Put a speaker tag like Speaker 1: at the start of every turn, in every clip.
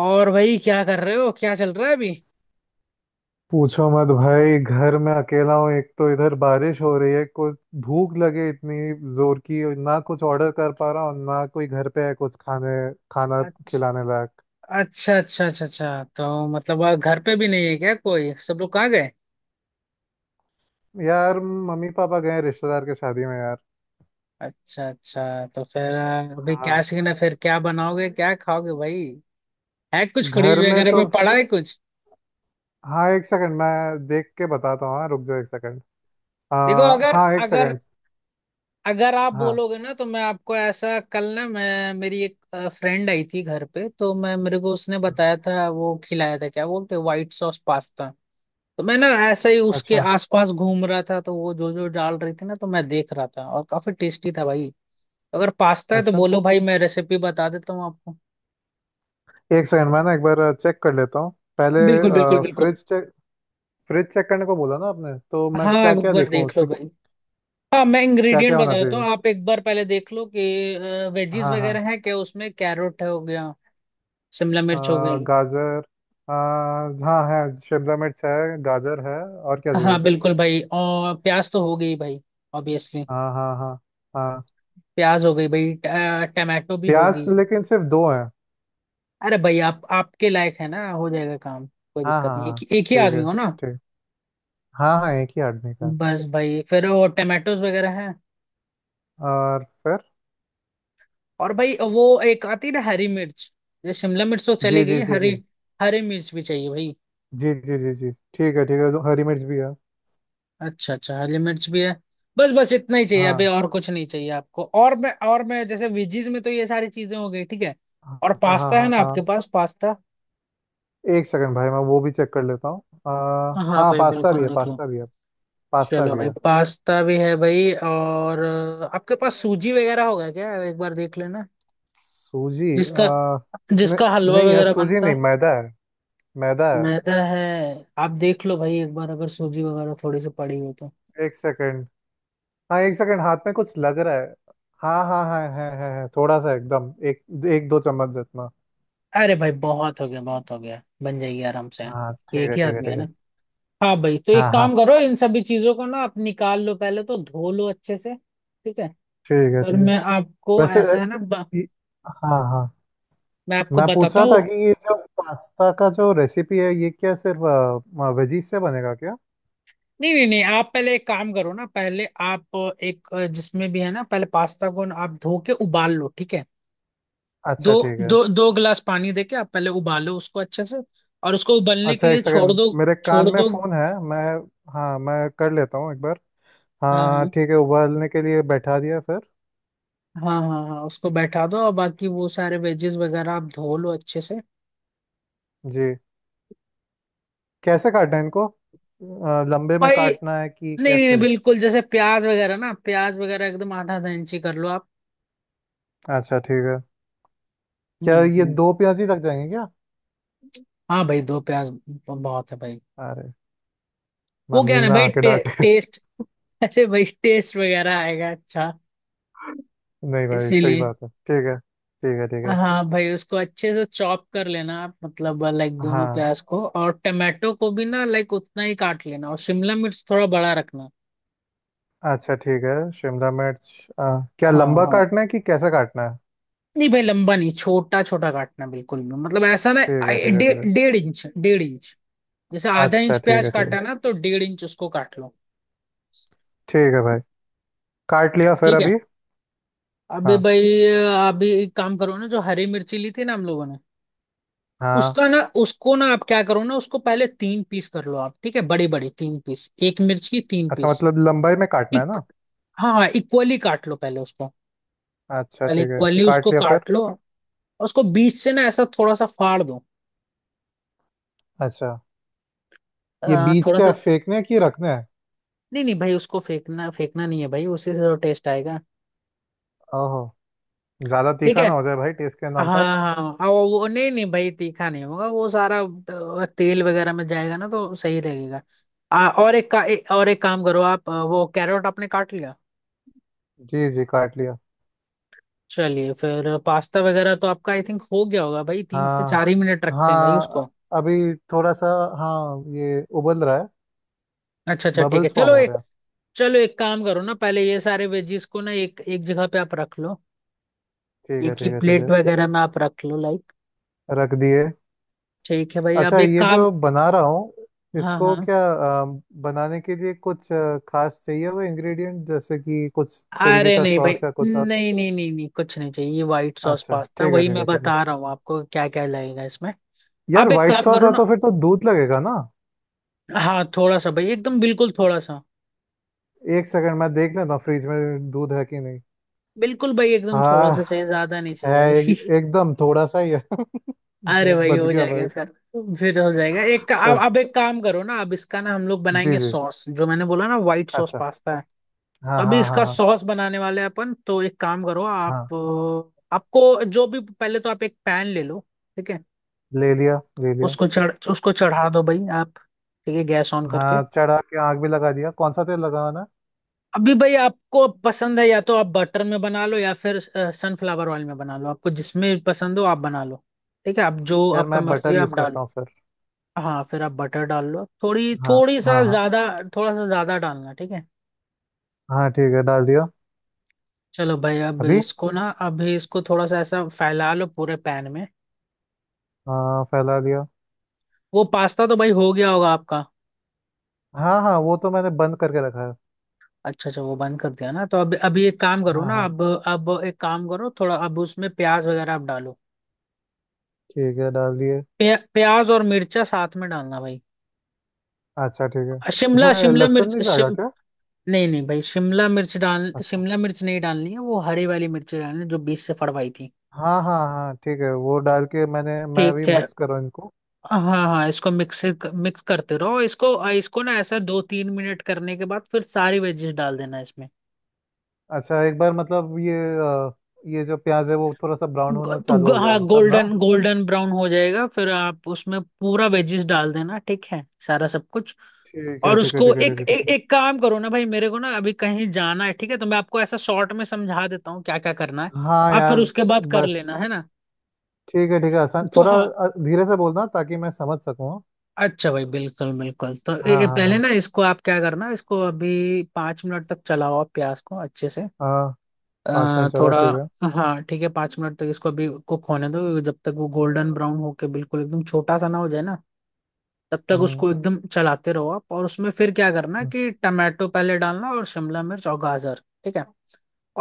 Speaker 1: और भाई, क्या कर रहे हो? क्या चल रहा है अभी?
Speaker 2: पूछो मत भाई, घर में अकेला हूँ। एक तो इधर बारिश हो रही है, कुछ भूख लगे इतनी जोर की। और ना कुछ ऑर्डर कर पा रहा हूँ, ना कोई घर पे है कुछ खाने खाना
Speaker 1: अच्छा,
Speaker 2: खिलाने लायक।
Speaker 1: अच्छा, अच्छा, अच्छा, अच्छा। तो मतलब घर पे भी नहीं है क्या कोई? सब लोग कहाँ गए?
Speaker 2: यार, मम्मी पापा गए हैं रिश्तेदार के शादी में यार।
Speaker 1: अच्छा, अच्छा। तो फिर अभी क्या
Speaker 2: हाँ,
Speaker 1: सीन है? फिर क्या बनाओगे, क्या खाओगे भाई? है कुछ फ्रिज
Speaker 2: घर में
Speaker 1: वगैरह
Speaker 2: तो
Speaker 1: में पड़ा है कुछ?
Speaker 2: हाँ। एक सेकंड, मैं देख के बताता हूँ। हाँ, रुक जाओ एक सेकंड। आ,
Speaker 1: देखो, अगर
Speaker 2: हाँ एक
Speaker 1: अगर
Speaker 2: सेकंड।
Speaker 1: अगर आप
Speaker 2: हाँ,
Speaker 1: बोलोगे ना तो मैं आपको ऐसा, कल ना, मैं, मेरी एक फ्रेंड आई थी घर पे, तो मैं, मेरे को उसने बताया था, वो खिलाया था, क्या बोलते, व्हाइट सॉस पास्ता। तो मैं ना ऐसे ही उसके
Speaker 2: अच्छा
Speaker 1: आसपास घूम रहा था, तो वो जो जो डाल रही थी ना, तो मैं देख रहा था, और काफी टेस्टी था भाई। अगर पास्ता है तो
Speaker 2: अच्छा।
Speaker 1: बोलो भाई, मैं रेसिपी बता देता हूँ आपको।
Speaker 2: एक सेकंड, मैं ना एक बार चेक कर लेता हूँ पहले।
Speaker 1: बिल्कुल, बिल्कुल, बिल्कुल।
Speaker 2: फ्रिज चेक, फ्रिज चेक करने को बोला ना आपने, तो
Speaker 1: हाँ,
Speaker 2: मैं क्या
Speaker 1: एक
Speaker 2: क्या
Speaker 1: बार
Speaker 2: देखूँ
Speaker 1: देख लो
Speaker 2: उसमें,
Speaker 1: भाई। हाँ, मैं
Speaker 2: क्या
Speaker 1: इंग्रेडिएंट
Speaker 2: क्या होना
Speaker 1: बता देता
Speaker 2: चाहिए।
Speaker 1: हूँ, आप एक बार पहले देख लो कि वेजीज
Speaker 2: हाँ हाँ,
Speaker 1: वगैरह है क्या उसमें। कैरेट हो गया? शिमला मिर्च हो गई?
Speaker 2: गाजर। अ, हाँ, है, शिमला मिर्च है, गाजर है, और क्या चाहिए?
Speaker 1: हाँ बिल्कुल भाई, और प्याज तो हो गई भाई, ऑब्वियसली।
Speaker 2: हाँ हाँ हाँ। हाँ,
Speaker 1: प्याज हो गई भाई, टमाटो भी
Speaker 2: प्याज
Speaker 1: होगी।
Speaker 2: लेकिन सिर्फ दो है।
Speaker 1: अरे भाई, आप आपके लायक है ना, हो जाएगा काम, कोई
Speaker 2: हाँ
Speaker 1: दिक्कत
Speaker 2: हाँ
Speaker 1: नहीं,
Speaker 2: हाँ,
Speaker 1: एक ही
Speaker 2: ठीक
Speaker 1: आदमी
Speaker 2: है
Speaker 1: हो ना।
Speaker 2: ठीक। हाँ हाँ, एक ही आदमी का।
Speaker 1: बस भाई, फिर वो टमाटोज वगैरह हैं।
Speaker 2: और फिर?
Speaker 1: और भाई, वो एक आती है ना, हरी मिर्च। ये शिमला मिर्च तो चली
Speaker 2: जी
Speaker 1: गई।
Speaker 2: जी जी
Speaker 1: हरी
Speaker 2: जी।
Speaker 1: हरी मिर्च भी चाहिए भाई।
Speaker 2: जी जी जी जी, ठीक है ठीक है, तो हरी मिर्च भी है।
Speaker 1: अच्छा अच्छा, हरी मिर्च भी है। बस बस इतना ही चाहिए, अभी
Speaker 2: हाँ
Speaker 1: और कुछ नहीं चाहिए आपको, और मैं जैसे वेजीज में तो ये सारी चीजें हो गई, ठीक है।
Speaker 2: हाँ।
Speaker 1: और
Speaker 2: हाँ
Speaker 1: पास्ता है
Speaker 2: हाँ
Speaker 1: ना
Speaker 2: हाँ,
Speaker 1: आपके पास, पास्ता?
Speaker 2: एक सेकंड भाई, मैं वो भी चेक कर लेता हूँ। अ,
Speaker 1: हाँ
Speaker 2: हाँ,
Speaker 1: भाई,
Speaker 2: पास्ता भी
Speaker 1: बिल्कुल
Speaker 2: है,
Speaker 1: देख लो।
Speaker 2: पास्ता भी है, पास्ता
Speaker 1: चलो
Speaker 2: भी
Speaker 1: भाई,
Speaker 2: है।
Speaker 1: पास्ता भी है भाई, और आपके पास सूजी वगैरह होगा क्या, एक बार देख लेना?
Speaker 2: सूजी
Speaker 1: जिसका
Speaker 2: न,
Speaker 1: जिसका हलवा
Speaker 2: नहीं यार,
Speaker 1: वगैरह
Speaker 2: सूजी नहीं,
Speaker 1: बनता।
Speaker 2: मैदा है, मैदा है।
Speaker 1: मैदा है। आप देख लो भाई, एक बार, अगर सूजी वगैरह थोड़ी सी पड़ी हो तो।
Speaker 2: एक सेकंड। हाँ एक सेकंड, हाथ में कुछ लग रहा है। हाँ हाँ हाँ, है, थोड़ा सा, एकदम एक एक दो चम्मच जितना।
Speaker 1: अरे भाई, बहुत हो गया, बहुत हो गया, बन जाएगी आराम से।
Speaker 2: हाँ ठीक
Speaker 1: एक
Speaker 2: है
Speaker 1: ही
Speaker 2: ठीक है
Speaker 1: आदमी है
Speaker 2: ठीक
Speaker 1: ना।
Speaker 2: है।
Speaker 1: हाँ भाई, तो एक
Speaker 2: हाँ हाँ,
Speaker 1: काम करो, इन सभी चीजों को ना आप निकाल लो, पहले तो धो लो अच्छे से, ठीक है?
Speaker 2: ठीक है
Speaker 1: पर
Speaker 2: ठीक है।
Speaker 1: मैं आपको
Speaker 2: वैसे
Speaker 1: ऐसा है ना,
Speaker 2: ये- हाँ हाँ,
Speaker 1: मैं आपको
Speaker 2: मैं पूछ
Speaker 1: बताता
Speaker 2: रहा
Speaker 1: हूँ।
Speaker 2: था कि ये जो पास्ता का जो रेसिपी है, ये क्या सिर्फ वेजीज से बनेगा क्या?
Speaker 1: नहीं नहीं नहीं, आप पहले एक काम करो ना, पहले आप एक, जिसमें भी है ना, पहले पास्ता को ना आप धो के उबाल लो, ठीक है? दो
Speaker 2: अच्छा ठीक है।
Speaker 1: दो दो गिलास पानी देके आप पहले उबालो उसको अच्छे से, और उसको उबलने के
Speaker 2: अच्छा, एक
Speaker 1: लिए छोड़
Speaker 2: सेकंड,
Speaker 1: दो।
Speaker 2: मेरे कान
Speaker 1: छोड़
Speaker 2: में
Speaker 1: दो।
Speaker 2: फोन है मैं, हाँ मैं कर लेता हूँ एक बार।
Speaker 1: हाँ
Speaker 2: हाँ
Speaker 1: हाँ
Speaker 2: ठीक है, उबालने के लिए बैठा दिया, फिर?
Speaker 1: हाँ हाँ हाँ, उसको बैठा दो, और बाकी वो सारे वेजेस वगैरह आप धो लो अच्छे से।
Speaker 2: जी, कैसे काटना है इनको? लंबे में
Speaker 1: भाई,
Speaker 2: काटना है कि
Speaker 1: नहीं नहीं नहीं,
Speaker 2: कैसे?
Speaker 1: बिल्कुल, जैसे प्याज वगैरह ना, प्याज वगैरह एकदम आधा आधा इंची कर लो आप।
Speaker 2: अच्छा ठीक है। क्या ये
Speaker 1: हम्म।
Speaker 2: दो प्याज ही लग जाएंगे क्या?
Speaker 1: हाँ भाई, दो प्याज बहुत है भाई।
Speaker 2: अरे,
Speaker 1: वो क्या
Speaker 2: मम्मी
Speaker 1: है ना
Speaker 2: ना
Speaker 1: भाई,
Speaker 2: आके डांटे।
Speaker 1: टेस्ट। अरे भाई, टेस्ट वगैरह आएगा अच्छा,
Speaker 2: नहीं भाई, सही
Speaker 1: इसीलिए।
Speaker 2: बात है, ठीक है ठीक है ठीक है।
Speaker 1: हाँ भाई, उसको अच्छे से चॉप कर लेना आप, मतलब लाइक दोनों
Speaker 2: हाँ,
Speaker 1: प्याज को, और टमाटो को भी ना लाइक उतना ही काट लेना, और शिमला मिर्च थोड़ा बड़ा रखना।
Speaker 2: अच्छा ठीक है। शिमला मिर्च क्या
Speaker 1: हाँ
Speaker 2: लंबा
Speaker 1: हाँ,
Speaker 2: काटना है कि कैसे काटना है?
Speaker 1: नहीं भाई, लंबा नहीं, छोटा छोटा काटना, बिल्कुल भी मतलब ऐसा ना,
Speaker 2: ठीक है ठीक है ठीक है।
Speaker 1: डेढ़ इंच, डेढ़ इंच। जैसे आधा इंच
Speaker 2: अच्छा ठीक
Speaker 1: प्याज
Speaker 2: है ठीक है
Speaker 1: काटा ना, तो डेढ़ इंच उसको काट लो।
Speaker 2: ठीक है भाई, काट लिया, फिर
Speaker 1: ठीक है,
Speaker 2: अभी?
Speaker 1: अभी
Speaker 2: हाँ
Speaker 1: भाई, अभी एक काम करो ना, जो हरी मिर्ची ली थी ना हम लोगों ने,
Speaker 2: हाँ।
Speaker 1: उसका ना, उसको ना आप क्या करो ना, उसको पहले तीन पीस कर लो आप, ठीक है? बड़ी बड़ी तीन पीस, एक मिर्च की तीन
Speaker 2: अच्छा
Speaker 1: पीस।
Speaker 2: मतलब, लंबाई में काटना है ना?
Speaker 1: हाँ हाँ, इक्वली काट लो पहले उसको।
Speaker 2: अच्छा
Speaker 1: पहले
Speaker 2: ठीक है,
Speaker 1: इक्वली
Speaker 2: काट
Speaker 1: उसको
Speaker 2: लिया, फिर?
Speaker 1: काट लो, और उसको बीच से ना ऐसा थोड़ा सा फाड़ दो,
Speaker 2: अच्छा, ये बीज
Speaker 1: थोड़ा
Speaker 2: क्या
Speaker 1: सा।
Speaker 2: फेंकने हैं कि रखने हैं?
Speaker 1: नहीं नहीं भाई, उसको फेंकना, फेंकना नहीं है भाई, उसी से तो टेस्ट आएगा।
Speaker 2: ओहो, ज्यादा
Speaker 1: ठीक
Speaker 2: तीखा
Speaker 1: है,
Speaker 2: ना हो जाए भाई टेस्ट के
Speaker 1: हाँ
Speaker 2: नाम पर।
Speaker 1: हाँ हाँ, नहीं नहीं भाई, तीखा नहीं होगा, वो सारा तेल वगैरह में जाएगा ना, तो सही रहेगा। आ, और एक का ए, और एक काम करो आप, वो कैरेट आपने काट लिया।
Speaker 2: जी जी, काट लिया।
Speaker 1: चलिए फिर, पास्ता वगैरह तो आपका आई थिंक हो गया होगा भाई, तीन से
Speaker 2: हाँ
Speaker 1: चार ही मिनट रखते हैं भाई
Speaker 2: हाँ,
Speaker 1: उसको।
Speaker 2: अभी थोड़ा सा। हाँ, ये उबल रहा है,
Speaker 1: अच्छा अच्छा, ठीक है,
Speaker 2: बबल्स फॉर्म
Speaker 1: चलो।
Speaker 2: हो रहे हैं।
Speaker 1: चलो, एक काम करो ना, पहले ये सारे वेजीज को ना एक एक जगह पे आप रख लो,
Speaker 2: ठीक
Speaker 1: एक
Speaker 2: है
Speaker 1: ही
Speaker 2: ठीक है ठीक
Speaker 1: प्लेट
Speaker 2: है,
Speaker 1: वगैरह में आप रख लो, लाइक।
Speaker 2: रख दिए।
Speaker 1: ठीक है भाई,
Speaker 2: अच्छा,
Speaker 1: अब एक
Speaker 2: ये
Speaker 1: काम,
Speaker 2: जो बना रहा हूँ
Speaker 1: हाँ
Speaker 2: इसको
Speaker 1: हाँ।
Speaker 2: क्या अ, बनाने के लिए कुछ खास चाहिए हुए इंग्रेडिएंट, जैसे कि कुछ तरीके
Speaker 1: अरे
Speaker 2: का
Speaker 1: नहीं भाई,
Speaker 2: सॉस या कुछ और?
Speaker 1: नहीं नहीं नहीं नहीं, कुछ नहीं चाहिए, ये व्हाइट सॉस
Speaker 2: अच्छा
Speaker 1: पास्ता,
Speaker 2: ठीक है
Speaker 1: वही
Speaker 2: ठीक
Speaker 1: मैं
Speaker 2: है ठीक है।
Speaker 1: बता रहा हूँ आपको, क्या क्या लगेगा इसमें।
Speaker 2: यार,
Speaker 1: अब एक
Speaker 2: व्हाइट
Speaker 1: काम
Speaker 2: सॉस
Speaker 1: करो
Speaker 2: है तो
Speaker 1: ना,
Speaker 2: फिर तो दूध लगेगा ना?
Speaker 1: हाँ, थोड़ा सा भाई, एकदम बिल्कुल थोड़ा सा,
Speaker 2: एक सेकंड, मैं देख लेता हूँ फ्रिज में दूध है कि नहीं।
Speaker 1: बिल्कुल भाई, एकदम थोड़ा
Speaker 2: हाँ,
Speaker 1: सा चाहिए, ज्यादा नहीं
Speaker 2: है।
Speaker 1: चाहिए भाई।
Speaker 2: एक, एकदम थोड़ा सा ही है।
Speaker 1: अरे भाई,
Speaker 2: बच
Speaker 1: हो
Speaker 2: गया
Speaker 1: जाएगा
Speaker 2: भाई।
Speaker 1: सर, फिर हो जाएगा। एक
Speaker 2: चल,
Speaker 1: अब एक काम करो ना, अब इसका ना हम लोग
Speaker 2: जी
Speaker 1: बनाएंगे
Speaker 2: जी,
Speaker 1: सॉस, जो मैंने बोला ना, व्हाइट सॉस
Speaker 2: अच्छा।
Speaker 1: पास्ता है।
Speaker 2: हाँ
Speaker 1: तो अभी
Speaker 2: हाँ हाँ
Speaker 1: इसका
Speaker 2: हाँ।
Speaker 1: सॉस बनाने वाले हैं अपन, तो एक काम करो,
Speaker 2: हाँ,
Speaker 1: आप आपको जो भी, पहले तो आप एक पैन ले लो, ठीक है?
Speaker 2: ले लिया, ले लिया।
Speaker 1: उसको चढ़ा दो भाई आप, ठीक है, गैस ऑन करके।
Speaker 2: हाँ, चढ़ा के आग भी लगा दिया, कौन सा तेल लगाना है?
Speaker 1: अभी भाई, आपको पसंद है, या तो आप बटर में बना लो, या फिर सनफ्लावर ऑयल में बना लो, आपको जिसमें पसंद हो आप बना लो। ठीक है, आप जो
Speaker 2: यार,
Speaker 1: आपका
Speaker 2: मैं
Speaker 1: मर्जी
Speaker 2: बटर
Speaker 1: है
Speaker 2: यूज
Speaker 1: आप डालो।
Speaker 2: करता हूँ फिर।
Speaker 1: हाँ, फिर आप बटर डाल लो, थोड़ी
Speaker 2: हाँ
Speaker 1: थोड़ी सा
Speaker 2: हाँ हाँ।
Speaker 1: ज्यादा, थोड़ा सा ज्यादा डालना, ठीक है।
Speaker 2: हाँ ठीक है, डाल दिया।
Speaker 1: चलो भाई, अब
Speaker 2: अभी?
Speaker 1: इसको ना, अभी इसको थोड़ा सा ऐसा फैला लो पूरे पैन में।
Speaker 2: हाँ, फैला दिया।
Speaker 1: वो पास्ता तो भाई हो गया होगा आपका।
Speaker 2: हाँ हाँ, वो तो मैंने बंद करके रखा है।
Speaker 1: अच्छा अच्छा, वो बंद कर दिया ना, तो अब अभी एक काम करो
Speaker 2: हाँ
Speaker 1: ना,
Speaker 2: हाँ।
Speaker 1: अब एक काम करो थोड़ा, अब उसमें प्याज वगैरह आप डालो।
Speaker 2: ठीक है, डाल दिए।
Speaker 1: प्याज और मिर्चा साथ में डालना भाई।
Speaker 2: अच्छा ठीक है।
Speaker 1: शिमला
Speaker 2: इसमें
Speaker 1: शिमला
Speaker 2: लहसुन
Speaker 1: मिर्च
Speaker 2: नहीं जाएगा
Speaker 1: शिम
Speaker 2: क्या?
Speaker 1: नहीं नहीं भाई,
Speaker 2: अच्छा,
Speaker 1: शिमला मिर्च नहीं डालनी है, वो हरी वाली मिर्च डालनी है, जो बीच से फड़वाई थी।
Speaker 2: हाँ हाँ हाँ ठीक है, वो डाल के मैं अभी
Speaker 1: ठीक है,
Speaker 2: मिक्स कर रहा हूँ इनको।
Speaker 1: हाँ हाँ, इसको मिक्स मिक्स करते रहो, इसको इसको ना ऐसा दो तीन मिनट करने के बाद, फिर सारी वेजेस डाल देना इसमें।
Speaker 2: अच्छा, एक बार मतलब ये ये जो प्याज है वो थोड़ा सा ब्राउन होना चालू हो
Speaker 1: हाँ,
Speaker 2: जाए तब ना?
Speaker 1: गोल्डन गोल्डन ब्राउन हो जाएगा, फिर आप उसमें पूरा वेजिस डाल देना, ठीक है, सारा सब कुछ।
Speaker 2: ठीक है
Speaker 1: और
Speaker 2: ठीक है
Speaker 1: उसको
Speaker 2: ठीक है ठीक
Speaker 1: एक
Speaker 2: है ठीक
Speaker 1: एक
Speaker 2: है।
Speaker 1: एक काम करो ना भाई, मेरे को ना अभी कहीं जाना है, ठीक है, तो मैं आपको ऐसा शॉर्ट में समझा देता हूँ, क्या क्या करना है,
Speaker 2: हाँ
Speaker 1: आप फिर
Speaker 2: यार,
Speaker 1: उसके बाद कर
Speaker 2: बस
Speaker 1: लेना, है ना।
Speaker 2: ठीक है ठीक है, आसान
Speaker 1: तो
Speaker 2: थोड़ा
Speaker 1: हाँ,
Speaker 2: धीरे से बोलना ताकि मैं समझ सकूँ।
Speaker 1: अच्छा भाई, बिल्कुल बिल्कुल, तो ये
Speaker 2: हाँ
Speaker 1: ये
Speaker 2: हाँ
Speaker 1: पहले
Speaker 2: हाँ
Speaker 1: ना, इसको आप क्या करना, इसको अभी पाँच मिनट तक चलाओ आप, प्याज को अच्छे से,
Speaker 2: हाँ, पाँच मिनट चला,
Speaker 1: थोड़ा।
Speaker 2: ठीक है।
Speaker 1: हाँ ठीक है, पाँच मिनट तक इसको अभी कुक होने दो, जब तक वो गोल्डन ब्राउन होके बिल्कुल एकदम छोटा सा ना हो जाए ना, तब तक
Speaker 2: हम्म,
Speaker 1: उसको एकदम चलाते रहो आप, और उसमें फिर क्या करना
Speaker 2: हम्म।
Speaker 1: कि टमाटो पहले डालना, और शिमला मिर्च और गाजर, ठीक है।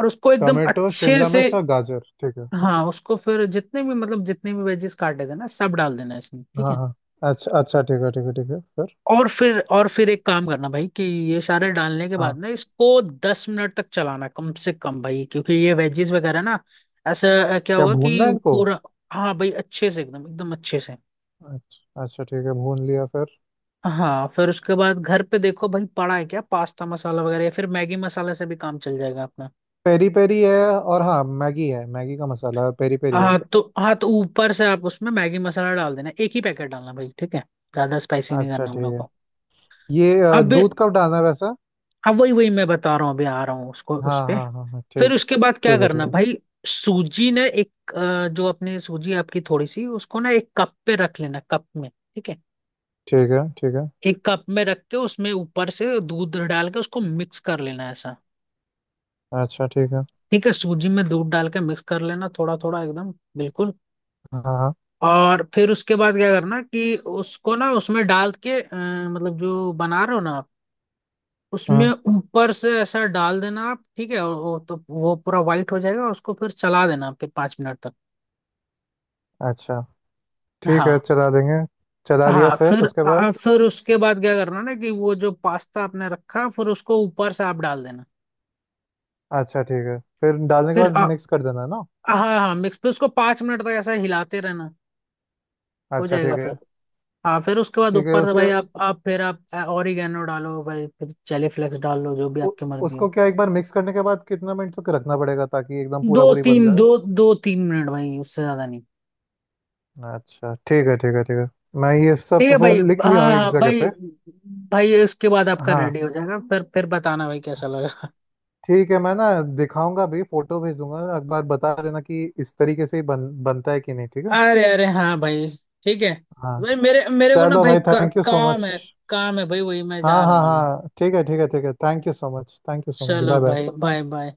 Speaker 1: और उसको एकदम
Speaker 2: टमाटो,
Speaker 1: अच्छे
Speaker 2: शिमला
Speaker 1: से।
Speaker 2: मिर्च और गाजर, ठीक है।
Speaker 1: हाँ, उसको फिर जितने भी मतलब, जितने भी वेजेस काटे थे ना, सब डाल देना इसमें, ठीक
Speaker 2: हाँ
Speaker 1: है।
Speaker 2: हाँ, अच्छा अच्छा ठीक है ठीक है ठीक है, फिर?
Speaker 1: और फिर एक काम करना भाई, कि ये सारे डालने के
Speaker 2: हाँ,
Speaker 1: बाद ना, इसको दस मिनट तक चलाना कम से कम भाई, क्योंकि ये वेजीज वगैरह ना, ऐसा क्या
Speaker 2: क्या
Speaker 1: होगा
Speaker 2: भूनना है
Speaker 1: कि
Speaker 2: इनको?
Speaker 1: पूरा। हाँ भाई, अच्छे से, एकदम एकदम अच्छे से।
Speaker 2: अच्छा अच्छा ठीक है, भून लिया, फिर?
Speaker 1: हाँ, फिर उसके बाद घर पे देखो भाई, पड़ा है क्या पास्ता मसाला वगैरह, या फिर मैगी मसाला से भी काम चल जाएगा अपना।
Speaker 2: पेरी पेरी है और हाँ, मैगी है, मैगी का मसाला है, पेरी पेरी है।
Speaker 1: हाँ तो ऊपर से आप उसमें मैगी मसाला डाल देना, एक ही पैकेट डालना भाई, ठीक है, ज्यादा स्पाइसी नहीं
Speaker 2: अच्छा
Speaker 1: करना हम
Speaker 2: ठीक
Speaker 1: लोग
Speaker 2: है।
Speaker 1: को।
Speaker 2: ये
Speaker 1: अब
Speaker 2: दूध कब डालना है वैसा?
Speaker 1: अब वही वही मैं बता रहा हूँ, अभी आ रहा हूँ उसको, उस
Speaker 2: हाँ
Speaker 1: पे।
Speaker 2: हाँ हाँ हाँ ठीक।
Speaker 1: फिर उसके बाद क्या
Speaker 2: ठीक है ठीक
Speaker 1: करना
Speaker 2: है
Speaker 1: भाई, सूजी ने एक, जो अपनी सूजी आपकी थोड़ी सी, उसको ना एक कप पे रख लेना, कप में, ठीक है?
Speaker 2: ठीक है ठीक है।
Speaker 1: एक कप में रख के उसमें ऊपर से दूध डाल के उसको मिक्स कर लेना ऐसा,
Speaker 2: अच्छा ठीक है।
Speaker 1: ठीक है, सूजी में दूध डाल के मिक्स कर लेना, थोड़ा थोड़ा एकदम बिल्कुल।
Speaker 2: हाँ हाँ,
Speaker 1: और फिर उसके बाद क्या करना कि उसको ना, उसमें डाल के मतलब, जो बना रहे हो ना आप, उसमें
Speaker 2: हम्म।
Speaker 1: ऊपर से ऐसा डाल देना आप, ठीक है, और वो तो वो पूरा वाइट हो जाएगा, और उसको फिर चला देना फिर पाँच मिनट तक।
Speaker 2: अच्छा ठीक है,
Speaker 1: हाँ
Speaker 2: चला देंगे। चला लिया,
Speaker 1: हाँ,
Speaker 2: फिर उसके बाद?
Speaker 1: फिर उसके बाद क्या करना ना, कि वो जो पास्ता आपने रखा, फिर उसको ऊपर से आप डाल देना।
Speaker 2: अच्छा ठीक है, फिर डालने के
Speaker 1: फिर
Speaker 2: बाद
Speaker 1: आ,
Speaker 2: मिक्स कर देना है ना?
Speaker 1: हाँ हाँ, मिक्स, फिर उसको पाँच मिनट तक ऐसा हिलाते रहना, हो
Speaker 2: अच्छा
Speaker 1: जाएगा फिर। हाँ, फिर उसके बाद
Speaker 2: ठीक है
Speaker 1: ऊपर से भाई,
Speaker 2: उसके,
Speaker 1: आप फिर आप ओरिगेनो डालो भाई, फिर चिली फ्लेक्स डाल लो, जो भी
Speaker 2: उ,
Speaker 1: आपकी मर्जी हो।
Speaker 2: उसको क्या एक बार मिक्स करने के बाद कितना मिनट तक रखना पड़ेगा ताकि एकदम
Speaker 1: दो
Speaker 2: पूरा पूरी बन
Speaker 1: तीन
Speaker 2: जाए?
Speaker 1: दो दो तीन मिनट भाई, उससे ज्यादा नहीं।
Speaker 2: अच्छा ठीक है ठीक है ठीक है, मैं ये सब
Speaker 1: ठीक है
Speaker 2: फिर
Speaker 1: भाई,
Speaker 2: लिख
Speaker 1: हाँ
Speaker 2: लिया हूँ एक
Speaker 1: हाँ
Speaker 2: जगह
Speaker 1: भाई,
Speaker 2: पे।
Speaker 1: भाई इसके बाद आपका
Speaker 2: हाँ
Speaker 1: रेडी हो जाएगा, फिर बताना भाई कैसा लगा।
Speaker 2: ठीक है, मैं ना दिखाऊंगा भी, फोटो भेजूंगा, एक बार बता देना कि इस तरीके से ही बनता है कि नहीं, ठीक है।
Speaker 1: अरे अरे हाँ भाई, ठीक है
Speaker 2: हाँ,
Speaker 1: भाई, मेरे मेरे को ना
Speaker 2: चलो
Speaker 1: भाई
Speaker 2: भाई, थैंक यू सो
Speaker 1: काम
Speaker 2: मच।
Speaker 1: है, काम है भाई, वही मैं
Speaker 2: हाँ
Speaker 1: जा रहा
Speaker 2: हाँ
Speaker 1: हूँ अभी।
Speaker 2: हाँ ठीक है ठीक है ठीक है, thank you so much, thank you so much,
Speaker 1: चलो
Speaker 2: बाय
Speaker 1: भाई,
Speaker 2: बाय।
Speaker 1: Bye bye.